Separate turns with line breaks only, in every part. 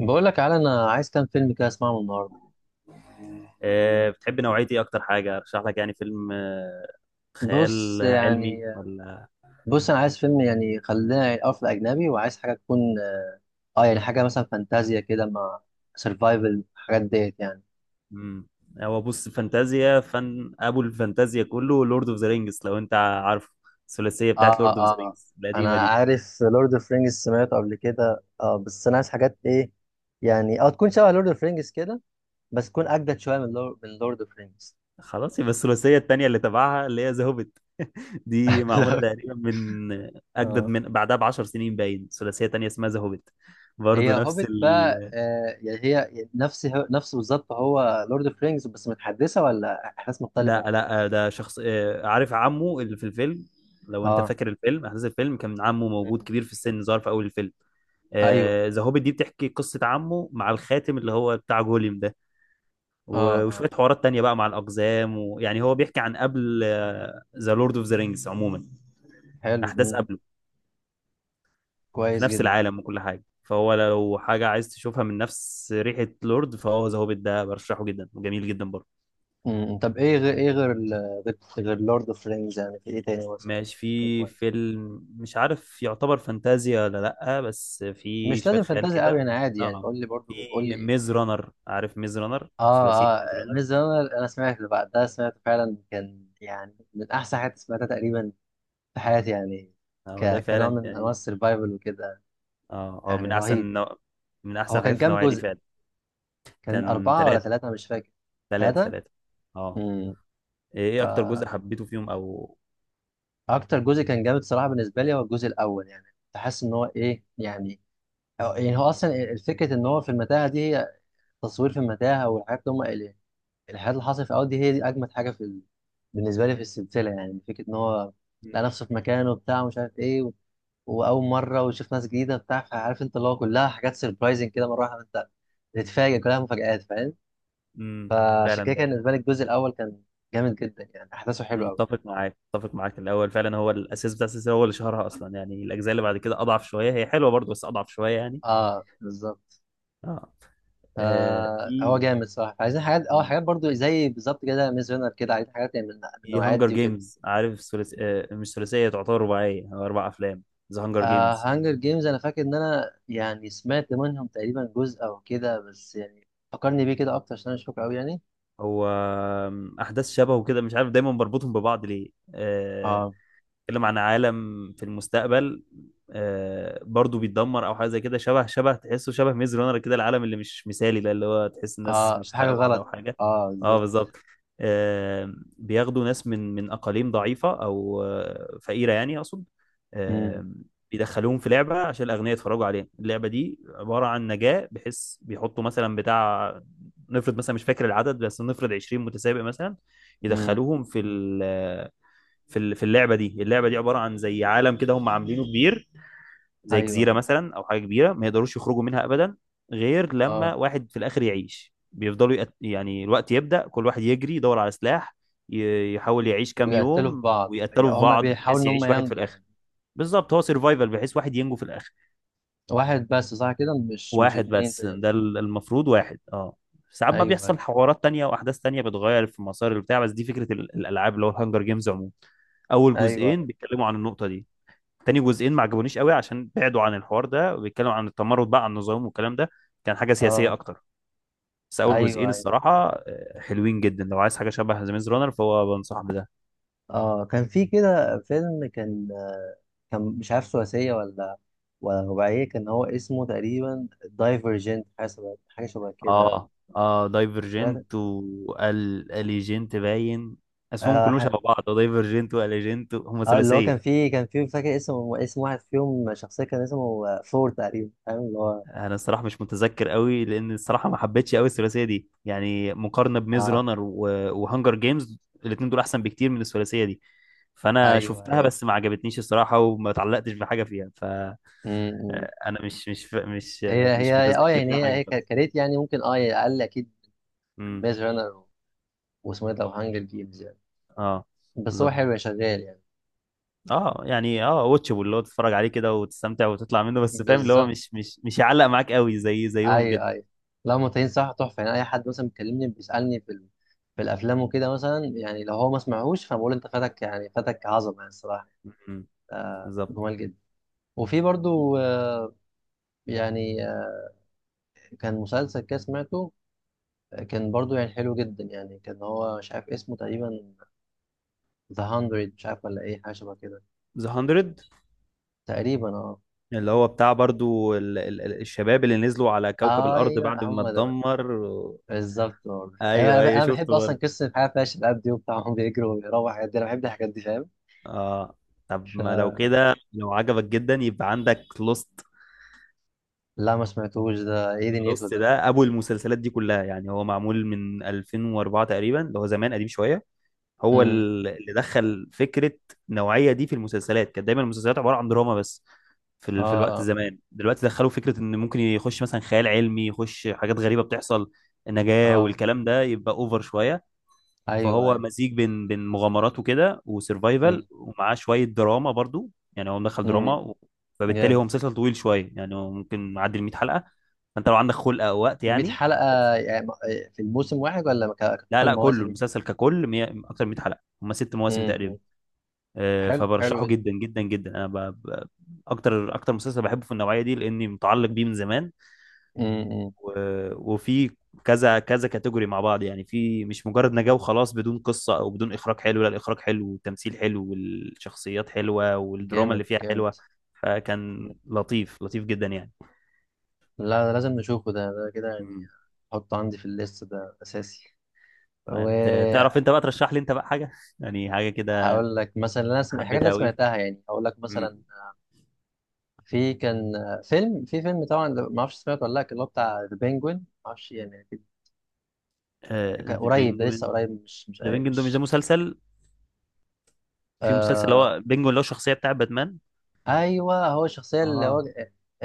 بقول لك على انا عايز كام فيلم كده اسمعهم النهارده.
بتحب نوعية ايه اكتر حاجة ارشح لك؟ يعني فيلم،
بص
خيال علمي،
يعني،
ولا؟
بص انا عايز فيلم يعني خلينا الاول في الاجنبي، وعايز حاجه تكون اه يعني حاجه مثلا فانتازيا كده مع سرفايفل الحاجات ديت يعني.
مم. هو بص، فانتازيا، فن ابو الفانتازيا كله لورد اوف ذا رينجز، لو انت عارف الثلاثية
اه
بتاعت
اه
لورد اوف ذا
آه.
رينجز القديمة
انا
دي.
عارف لورد اوف رينجز سمعته قبل كده، اه بس انا عايز حاجات ايه يعني اه تكون شبه لورد اوف رينجز كده، بس تكون اجدد شويه من لورد اوف رينجز.
خلاص، يبقى الثلاثية التانية اللي تبعها اللي هي ذا هوبيت دي معمولة
لا
تقريبا من اجدد،
اه.
من بعدها ب 10 سنين باين. ثلاثية تانية اسمها ذا هوبيت،
هي
برضه نفس
هوبيت بقى يعني هي نفس بالظبط هو لورد اوف رينجز، بس متحدثه ولا احداث مختلفه؟
لا لا، ده شخص، عارف عمه اللي في الفيلم، لو انت
اه.
فاكر الفيلم. احداث الفيلم كان عمه موجود
مم.
كبير في السن، ظهر في اول الفيلم.
ايوه.
ذا هوبيت دي بتحكي قصة عمه مع الخاتم اللي هو بتاع جوليم ده،
اه
و-
اه.
وشوية حوارات تانية بقى مع الأقزام، ويعني هو بيحكي عن قبل ذا لورد اوف ذا رينجز عموما،
حلو.
أحداث قبله في
كويس
نفس
جدا.
العالم وكل حاجة. فهو لو حاجة عايز تشوفها من نفس ريحة لورد، فهو ذا هوبيت ده برشحه جدا وجميل جدا برضه.
مم. طب ايه غير ايه غير غير لورد اوف رينجز، يعني في ايه تاني مثلا
ماشي،
يكون
في
كويس؟
فيلم مش عارف يعتبر فانتازيا ولا لأ، بس في
مش
شوية
لازم
خيال
فانتازي قوي
كده.
يعني، عادي يعني،
اه،
قول لي
في
برضو، قول لي ايه.
ميز رانر، عارف ميز رانر؟ ثلاثية
اه اه،
ميز رانر.
ميز رانر. انا سمعت اللي بعد ده سمعت فعلا، كان يعني من احسن حاجات سمعتها تقريبا في حياتي يعني،
اه، ده
كنوع
فعلا
من انواع
يعني،
السرفايفل وكده
اه، هو
يعني،
من أحسن
رهيب.
من أحسن
هو
الحاجات
كان
في
كام
النوعية دي
جزء؟
فعلا.
كان
كان
أربعة ولا
ثلاثة،
ثلاثة، أنا مش فاكر.
ثلاثة
ثلاثة؟
ثلاثة. اه.
امم
إيه أكتر جزء
فأكتر
حبيته فيهم، أو؟
جزء كان جامد صراحة بالنسبة لي هو الجزء الأول، يعني كنت حاسس إن هو إيه يعني. أو يعني هو أصلا الفكرة، إن هو في المتاهة دي، هي تصوير في المتاهة، والحاجات اللي هم الحاجات اللي حصلت في الأول دي هي دي أجمد حاجة في بالنسبة لي في السلسلة، يعني فكرة إن هو لقى
مم.
نفسه في مكانه وبتاع، ومش عارف إيه، و... وأول مرة ويشوف ناس جديدة بتاع، فعارف أنت اللي هو كلها حاجات سربرايزنج كده، مرة واحدة أنت تتفاجئ، كلها مفاجآت، فاهم؟
مم.
فعشان
فعلا
كده
ده.
كان بالنسبه لي الجزء الاول كان جامد جدا يعني، احداثه حلوه قوي.
متفق معاك، متفق معاك، الأول فعلا هو الأساس بتاع السلسلة، هو اللي شهرها أصلا يعني. الأجزاء اللي بعد كده أضعف شوية، هي حلوة برضه بس أضعف شوية يعني.
اه بالظبط.
اه. آه في
فهو جامد صح، عايزين حاجات اه حاجات برضو زي بالظبط كده ميز رينر كده، عايزين حاجات يعني من
في
النوعيات
هانجر
دي وكده.
جيمز، عارف ثلاث آه مش ثلاثيه، تعتبر رباعيه، هو اربع افلام. ذا هانجر
آه
جيمز.
هانجر جيمز، انا فاكر ان انا يعني سمعت منهم تقريبا جزء او كده، بس يعني فكرني بيه كده اكتر عشان انا مش فاكر قوي يعني.
هو احداث شبهه كده، مش عارف دايما بربطهم ببعض ليه،
اه
بيتكلم عن عالم في المستقبل، برضو بيتدمر او حاجه زي كده، شبه، شبه تحسه شبه ميز رانر كده، العالم اللي مش مثالي ده، اللي هو تحس الناس
اه،
مش
في حاجه
طايقه بعض او
غلط.
حاجه.
اه
اه
بالظبط.
بالظبط. بياخدوا ناس من اقاليم ضعيفه او فقيره، يعني اقصد،
امم.
آه، بيدخلوهم في لعبه عشان الاغنياء يتفرجوا عليها. اللعبه دي عباره عن نجاه، بحيث بيحطوا مثلا بتاع، نفرض مثلا، مش فاكر العدد، بس نفرض 20 متسابق مثلا،
امم.
يدخلوهم في في اللعبه دي. اللعبه دي عباره عن زي عالم كده، هم عاملينه كبير، زي
ايوه
جزيره
ايوه.
مثلا او حاجه كبيره ما يقدروش يخرجوا منها ابدا، غير
اه،
لما واحد في الاخر يعيش. بيفضلوا يعني الوقت يبدا، كل واحد يجري يدور على سلاح، يحاول يعيش كام
ويقتلوا في
يوم،
بعض، يعني
ويقتلوا في
هما
بعض
بيحاولوا
بحيث
ان
يعيش
هما
واحد في
ينجوا
الاخر.
يعني.
بالظبط، هو سيرفايفل، بحيث واحد ينجو في الاخر.
واحد بس صح كده، مش
واحد
اتنين؟
بس، المفروض واحد، اه. ساعات بقى
ايوه ايوه.
بيحصل حوارات تانية واحداث تانية بتغير في مسار البتاع، بس دي فكره الالعاب اللي هو الهانجر جيمز عموما. اول
ايوه.
جزئين بيتكلموا عن النقطه دي. تاني جزئين ما عجبونيش قوي، عشان بعدوا عن الحوار ده، وبيتكلموا عن التمرد بقى، عن النظام والكلام ده، كان حاجه سياسيه
اه
اكتر. بس اول جزئين
ايوه ايوه.
الصراحه حلوين جدا، لو عايز حاجه شبه ذا ميز رانر فهو بنصح بده.
اه كان في كده فيلم كان، كان مش عارف ثلاثيه ولا رباعيه، كان هو اسمه تقريبا دايفرجنت، حاجه شبه حاجه شبه كده.
اه اه،
سمعت
دايفرجنت، واليجنت باين. اسمهم
آه,
كلهم
ح...
شبه بعض، دايفرجنت، واليجنت، هم
اه، اللي هو كان
ثلاثيه.
فيه كان فيه فاكر اسم اسم واحد فيهم شخصيه كان اسمه فور تقريبا، فاهم اللي هو.
انا الصراحه مش متذكر قوي، لان الصراحه ما حبيتش قوي الثلاثيه دي يعني، مقارنه بميز
اه
رانر وهانجر جيمز، الاثنين دول احسن بكتير من الثلاثيه دي. فانا
ايوه
شفتها
ايوه.
بس ما عجبتنيش الصراحه، وما اتعلقتش بحاجه فيها، فانا
م- م.
مش مش مش
هي
مش
هي اه
متذكر
يعني
فيها
هي
حاجه
هي
خالص.
كريت يعني، ممكن اه يعني اقل اكيد.
امم.
ميز رانر، واسمه ايه ده، وهانجر جيمز يعني،
اه
بس هو
بالظبط.
حلو شغال يعني.
اه، يعني واتشبل اللي هو تتفرج عليه كده وتستمتع وتطلع منه، بس فاهم اللي هو
بالظبط.
مش يعلق معاك قوي زيهم كده.
ايوه ايوه. لو متين صح، تحفه يعني. اي حد مثلا بيكلمني بيسالني في في الافلام وكده، مثلا يعني لو هو ما سمعهوش فبقول انت فاتك يعني، فاتك عظمه يعني الصراحه،
امم. بالظبط.
جمال جدا. وفي برضو يعني كان مسلسل كده سمعته، كان برضو يعني حلو جدا يعني. كان هو مش عارف اسمه تقريبا ذا 100، مش عارف ولا ايه، حاجه شبه كده
ذا 100،
تقريبا.
اللي هو بتاع برضو الشباب اللي نزلوا على كوكب
اه
الأرض بعد
ايوه
ما
هم دول.
اتدمر
بالظبط برضه. انا
أيوه أيوه،
أنا بحب
شفته
اصلا
برضو.
قصه الحياه فيها شباب دي وبتاع، هم بيجروا وبيروحوا الحاجات دي، انا بحب الحاجات دي فاهم.
آه. طب ما لو كده، لو عجبك جدا يبقى عندك لوست.
لا ما سمعتوش ده، ايه دنيته
لوست
ده؟
ده أبو المسلسلات دي كلها يعني، هو معمول من 2004 تقريبا، اللي هو زمان قديم شوية. هو
امم.
اللي دخل فكرة النوعية دي في المسلسلات. كانت دايما المسلسلات عبارة عن دراما بس،
اه
في الوقت
اه
زمان، دلوقتي دخلوا فكرة إن ممكن يخش مثلا خيال علمي، يخش حاجات غريبة بتحصل، النجاة
اه.
والكلام ده يبقى أوفر شوية.
ايوه
فهو
ايوه.
مزيج بين مغامرات وكده
امم.
وسرفايفل، ومعاه شويه دراما برضو، يعني هو مدخل دراما
امم.
فبالتالي هو
جامد.
مسلسل طويل شويه، يعني هو ممكن معدي ال 100 حلقه، فانت لو عندك خلق او وقت
100
يعني.
حلقة يعني، في الموسم واحد ولا
لا
كتوتال
لا، كله،
المواسم؟
المسلسل ككل اكتر من 100 حلقه، هم ست مواسم
امم. أمم.
تقريبا.
حلو حلو
فبرشحه
جدا.
جدا جدا جدا، انا اكتر، اكتر مسلسل بحبه في النوعيه دي لاني متعلق بيه من زمان.
امم. أمم.
و- وفي كذا كذا كاتيجوري مع بعض يعني، في مش مجرد نجاة وخلاص بدون قصة او بدون اخراج حلو، لا، الاخراج حلو والتمثيل حلو والشخصيات حلوة والدراما
جامد
اللي فيها
جامد.
حلوة،
أمم.
فكان لطيف لطيف جدا يعني.
لا ده لازم نشوفه ده، ده كده يعني
مم.
احطه عندي في الليست ده اساسي.
تمام.
وهقول
تعرف انت بقى ترشح لي انت بقى حاجة يعني حاجة كده
لك مثلا انا الحاجات اللي
حبيتها
انا
قوي.
سمعتها يعني هقول لك مثلا، في كان فيلم، في فيلم طبعا ده ما اعرفش سمعته ولا لا، كان اللي هو بتاع ذا بينجوين، ما اعرفش يعني كان
ذا
قريب، ده لسه
بينجوين
قريب، مش مش
ذا بينجوين ده، مش ده،
مش
مسلسل. في مسلسل اللي
آه.
هو بينجوين، اللي هو الشخصية بتاع باتمان.
ايوه، هو الشخصيه اللي
اه،
هو.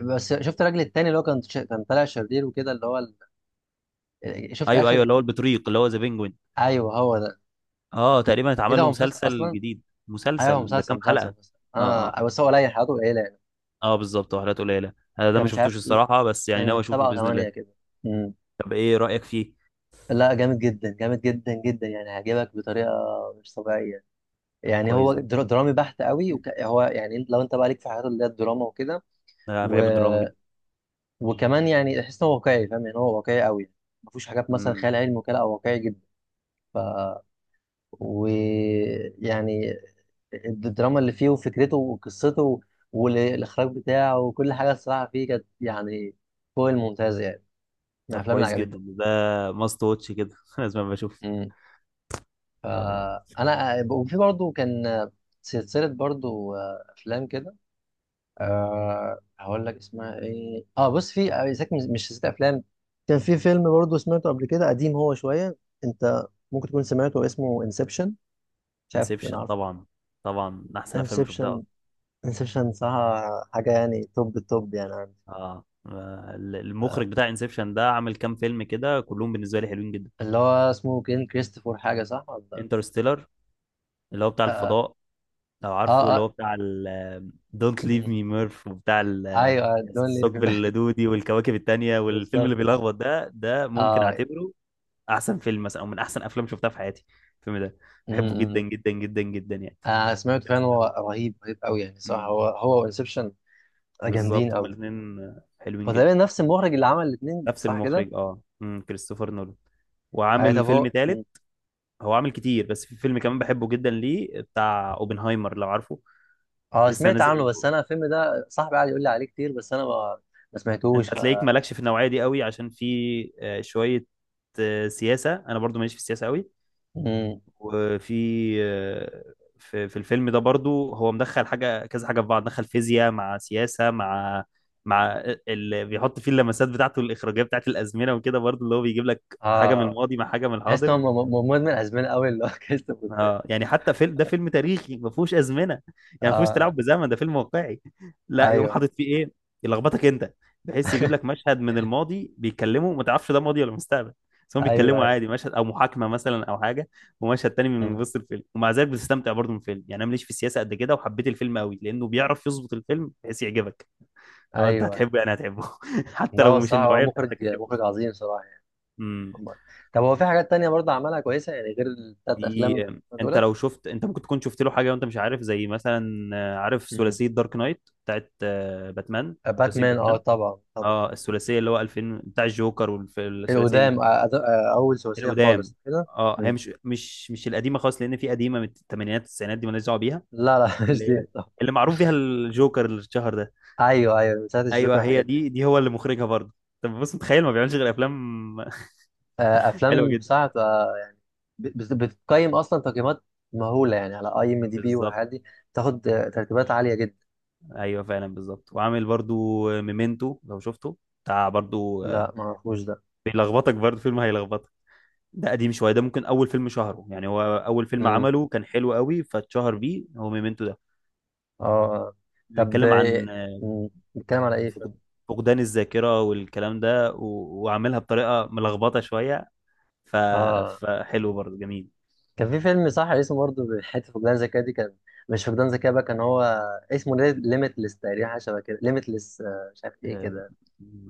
بس شفت الراجل التاني اللي هو كان كان طالع شرير وكده، اللي هو شفت
ايوه
اخر.
ايوه، اللي هو البطريق اللي هو ذا بينجوين.
ايوه هو ده.
اه، تقريبا
ايه
اتعمل
ده،
له
هو مسلسل
مسلسل
اصلا؟
جديد.
ايوه هو
مسلسل ده
مسلسل
كام حلقة؟
مسلسل، بس
اه اه.
انا بس هو قليل، حياته قليله يعني.
اه بالظبط، وحلقات قليلة. انا ده
كان
ما
مش عارف،
شفتوش الصراحة، بس يعني ناوي
كان
اشوفه
سبعة
بإذن الله.
وثمانية كده. امم
طب ايه رأيك فيه؟
لا جامد جدا، جامد جدا جدا يعني هيعجبك بطريقه مش طبيعيه
طب
يعني. هو
كويس جدا،
درامي بحت قوي هو يعني لو انت بقى ليك في حاجات اللي هي الدراما وكده.
انا بحب الدراما جدا.
وكمان يعني احس ان هو واقعي فاهم يعني، هو واقعي قوي، ما فيهوش حاجات مثلا
امم.
خيال علمي وكده، او واقعي جدا. ف ويعني الدراما اللي فيه وفكرته وقصته والاخراج بتاعه وكل حاجه الصراحه فيه كانت يعني فوق الممتاز يعني، من
طب
الافلام اللي
كويس
عجبتني.
جدا ده، ماست واتش كده لازم أبقى اشوف
امم.
ان شاء الله.
فانا، وفي برضه كان سلسله برضه افلام كده. أه هقول لك اسمها ايه. اه بص، في إذا كان مش ست افلام، كان في فيلم برضه سمعته قبل كده، قديم هو شويه، انت ممكن تكون سمعته، اسمه انسبشن، مش عارف انا
انسبشن
عارفه.
طبعا، طبعا من احسن افلام شفتها
انسبشن.
أصلاً.
انسبشن صح، حاجه يعني توب التوب يعني عندي.
اه، المخرج
آه،
بتاع انسبشن ده عامل كام فيلم كده، كلهم بالنسبة لي حلوين جدا.
اللي هو اسمه كين كريستوفر حاجه، صح ولا؟
انترستيلر، اللي هو بتاع
اه.
الفضاء، لو
اه,
عارفه، اللي هو
آه.
بتاع ال Don't Leave
م-
Me Murph، وبتاع
ايوه دونلي في
الثقب
بالك.
اللدودي والكواكب التانية والفيلم اللي
بالظبط.
بيلخبط ده، ده ممكن
اه.
اعتبره احسن فيلم مثلا، او من احسن افلام شفتها في حياتي، الفيلم ده.
م-
بحبه جدا
م.
جدا جدا جدا يعني.
آه سمعته فعلا،
كريستوفر
هو
ده.
رهيب رهيب قوي يعني، صح
امم.
هو، هو وانسبشن جامدين
بالظبط، هما
قوي.
الاثنين حلوين
هو تقريبا
جدا.
نفس المخرج اللي عمل الاثنين
نفس
صح كده؟
المخرج، اه، كريستوفر نولان.
اي
وعامل
طب
فيلم
هو.
تالت. هو عامل كتير، بس في فيلم كمان بحبه جدا ليه، بتاع اوبنهايمر لو عارفه.
اه
لسه
سمعت عنه،
نازل.
بس انا الفيلم ده صاحبي قاعد يقول لي عليه كتير، بس انا ما، ما
انت
سمعتوش ف.
هتلاقيك مالكش في النوعيه دي قوي عشان في شويه سياسه، انا برضو ماليش في السياسه قوي.
مم.
وفي آه، في الفيلم ده برضو، هو مدخل حاجه كذا حاجه في بعض، دخل فيزياء مع سياسه، مع اللي بيحط فيه اللمسات بتاعته الاخراجيه بتاعت الازمنه وكده برضو، اللي هو بيجيب لك حاجه من
اه
الماضي مع حاجه من
تحس ان
الحاضر.
هو مدمن اسبان قوي اللي هو كريستوفر ده.
اه يعني، حتى فيلم ده فيلم تاريخي ما فيهوش ازمنه، يعني ما فيهوش
اه
تلاعب بزمن، ده فيلم واقعي، لا يقوم
ايوه
حاطط فيه ايه يلخبطك انت، بحيث يجيب لك مشهد من الماضي بيتكلموا ما تعرفش ده ماضي ولا مستقبل، بس هم
ايوه.
بيتكلموا
ايوه.
عادي، مشهد او محاكمه مثلا او حاجه، ومشهد تاني من
مم.
وسط الفيلم، ومع ذلك بتستمتع برضه من الفيلم، يعني انا ماليش في السياسه قد كده، وحبيت الفيلم قوي لانه بيعرف يظبط الفيلم بحيث يعجبك. لو انت
ايوه.
هتحبه يعني هتحبه حتى
لا
لو
هو
مش
صح هو
النوعيه
مخرج
بتاعتك،
مخرج عظيم صراحه يعني. أمال.
هتحبه.
طب هو في حاجات تانية برضه عملها كويسه يعني غير الثلاث افلام
في، انت
دولت؟
لو شفت، انت ممكن تكون شفت له حاجه وانت مش عارف، زي مثلا عارف
مم.
ثلاثيه دارك نايت بتاعت باتمان؟ ثلاثيه
باتمان اه
باتمان.
طبعا طبعا.
اه، الثلاثيه اللي هو 2000 بتاع الجوكر والثلاثيه دي،
القدام اول ثلاثيه
القدام.
خالص كده.
اه، هي مش القديمه خالص، لان في قديمه من الثمانينات، التسعينات، دي مالناش دعوه بيها.
لا لا مش
اللي
دي
هي
طب.
اللي معروف بيها الجوكر اللي اتشهر ده.
ايوه ايوه، من ساعه الجوكر
ايوه، هي
والحاجات دي.
دي، دي هو اللي مخرجها برضه. طب بص، متخيل ما بيعملش غير افلام حلوه
افلام
جدا.
بصراحه. بتقيم اصلا تقييمات مهوله يعني، على اي ام دي بي
بالظبط.
والحاجات دي. بتاخد ترتيبات عاليه جدا.
ايوه فعلا، بالظبط، وعامل برضو ميمنتو لو شفته، بتاع برضو،
لا ما اعرفوش ده.
بيلخبطك برضه، فيلم هيلخبطك. ده قديم شويه، ده ممكن اول فيلم شهره يعني، هو اول فيلم
امم.
عمله كان حلو قوي فاتشهر بيه، هو ميمنتو ده.
اه آه. طب
بيتكلم عن
مم، بنتكلم على ايه فيلم؟
فقد- فقدان الذاكره والكلام ده، و- وعاملها بطريقه ملخبطه شويه، ف...
اه
فحلو برضه، جميل.
كان في فيلم صح اسمه برضه حته فقدان ذكاء دي، كان مش فقدان ذكاء بقى، كان هو اسمه ليميتلس تقريبا، حاجه شبه كده ليميتلس، مش عارف ايه
آه،
كده.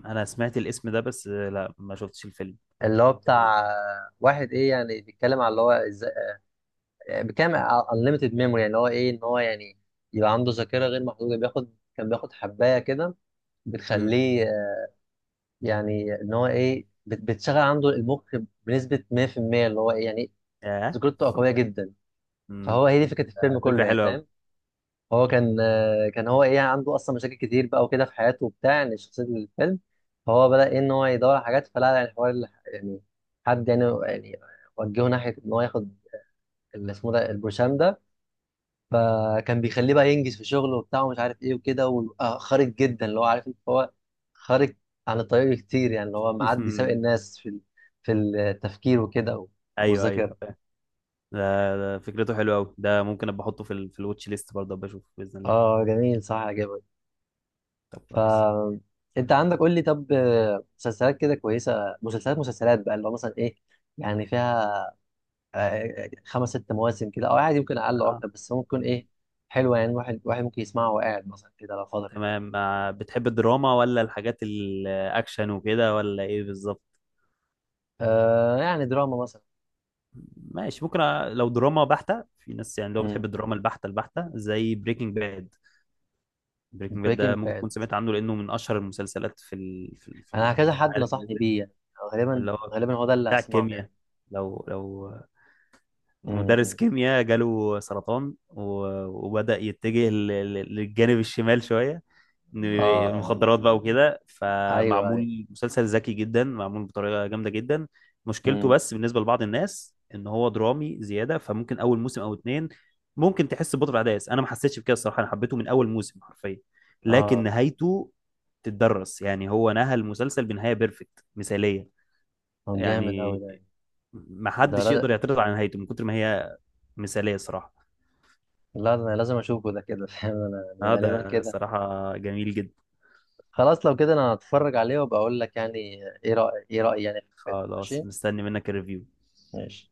انا سمعت الاسم ده، بس لا، ما شفتش الفيلم.
اللي هو بتاع واحد ايه يعني، بيتكلم على اللي هو ازاي بكام unlimited memory. يعني هو ايه ان هو يعني يبقى عنده ذاكره غير محدوده. بياخد كان بياخد حبايه كده
امم.
بتخليه يعني ان هو ايه بتشغل عنده المخ بنسبه 100%، اللي هو ايه يعني
اه.
ذاكرته قويه جدا،
امم.
فهو هي دي فكره الفيلم
فكره
كله يعني
حلوه قوي.
فاهم. هو كان كان هو ايه عنده اصلا مشاكل كتير بقى وكده في حياته وبتاع، يعني شخصيه الفيلم. فهو بدا ايه ان هو يدور على حاجات، فلا يعني حوار يعني حد يعني يعني وجهه ناحيه ان هو ياخد اللي اسمه ده البروشام، فكان بيخليه بقى ينجز في شغله وبتاع، ومش عارف ايه وكده، ويبقى خارج جدا اللي هو عارف انت، هو خارج عن الطريق كتير يعني، اللي هو معدي سابق الناس في في التفكير وكده، و-
ايوه ايوه،
والذاكره.
ده، ده فكرته حلوه قوي، ده ممكن ابقى احطه في في الواتش ليست برضه، ابقى اشوفه باذن الله.
اه جميل صح عجبك.
طب
ف
كويس.
انت عندك قول لي، طب مسلسلات كده كويسه، مسلسلات مسلسلات بقى اللي هو مثلا ايه، يعني فيها خمس ست مواسم كده، او عادي يمكن اقل او
اه.
اكتر، بس ممكن ايه حلوه يعني، واحد واحد ممكن يسمعها وقاعد مثلا كده لو فاضي.
تمام، بتحب الدراما ولا الحاجات الاكشن وكده ولا ايه بالظبط؟
آه يعني دراما مثلا.
ماشي، ممكن لو دراما بحتة، في ناس يعني لو بتحب الدراما البحتة البحتة زي بريكنج باد. بريكنج باد ده
بريكنج
ممكن
باد،
تكون سمعت عنه لأنه من أشهر المسلسلات في ال- في ال- في
انا
ال-
كذا
في
حد
العالم
نصحني
نزل.
بيه يعني،
اللي
غالبا
هو
غالبا هو ده اللي
بتاع
هسمعه
الكيمياء،
يعني.
لو مدرس
امم.
كيمياء جاله سرطان، و- وبدأ يتجه للجانب الشمال شوية، إن
اه
المخدرات بقى وكده،
ايوه ايوه.
فمعمول مسلسل ذكي جدا، معمول بطريقة جامدة جدا. مشكلته
امم.
بس بالنسبة لبعض الناس ان هو درامي زيادة، فممكن اول موسم او اتنين ممكن تحس ببطء في الاحداث، انا ما حسيتش بكده الصراحة، انا حبيته من اول موسم حرفيا، لكن
اه،
نهايته تتدرس يعني، هو نهى المسلسل بنهاية بيرفكت مثالية
هو جامد قوي
يعني،
ده،
ما
ده
حدش
لا.
يقدر يعترض على نهايته من كتر ما هي مثالية صراحة.
لا ده انا لازم اشوفه ده كده فاهم انا يعني
اه،
غالبا
ده
كده.
صراحة جميل جدا.
خلاص لو كده انا هتفرج عليه وبقول لك يعني ايه رأي، ايه رأيي يعني في الفيلم.
خلاص،
ماشي.
مستني منك الريفيو.
ماشي.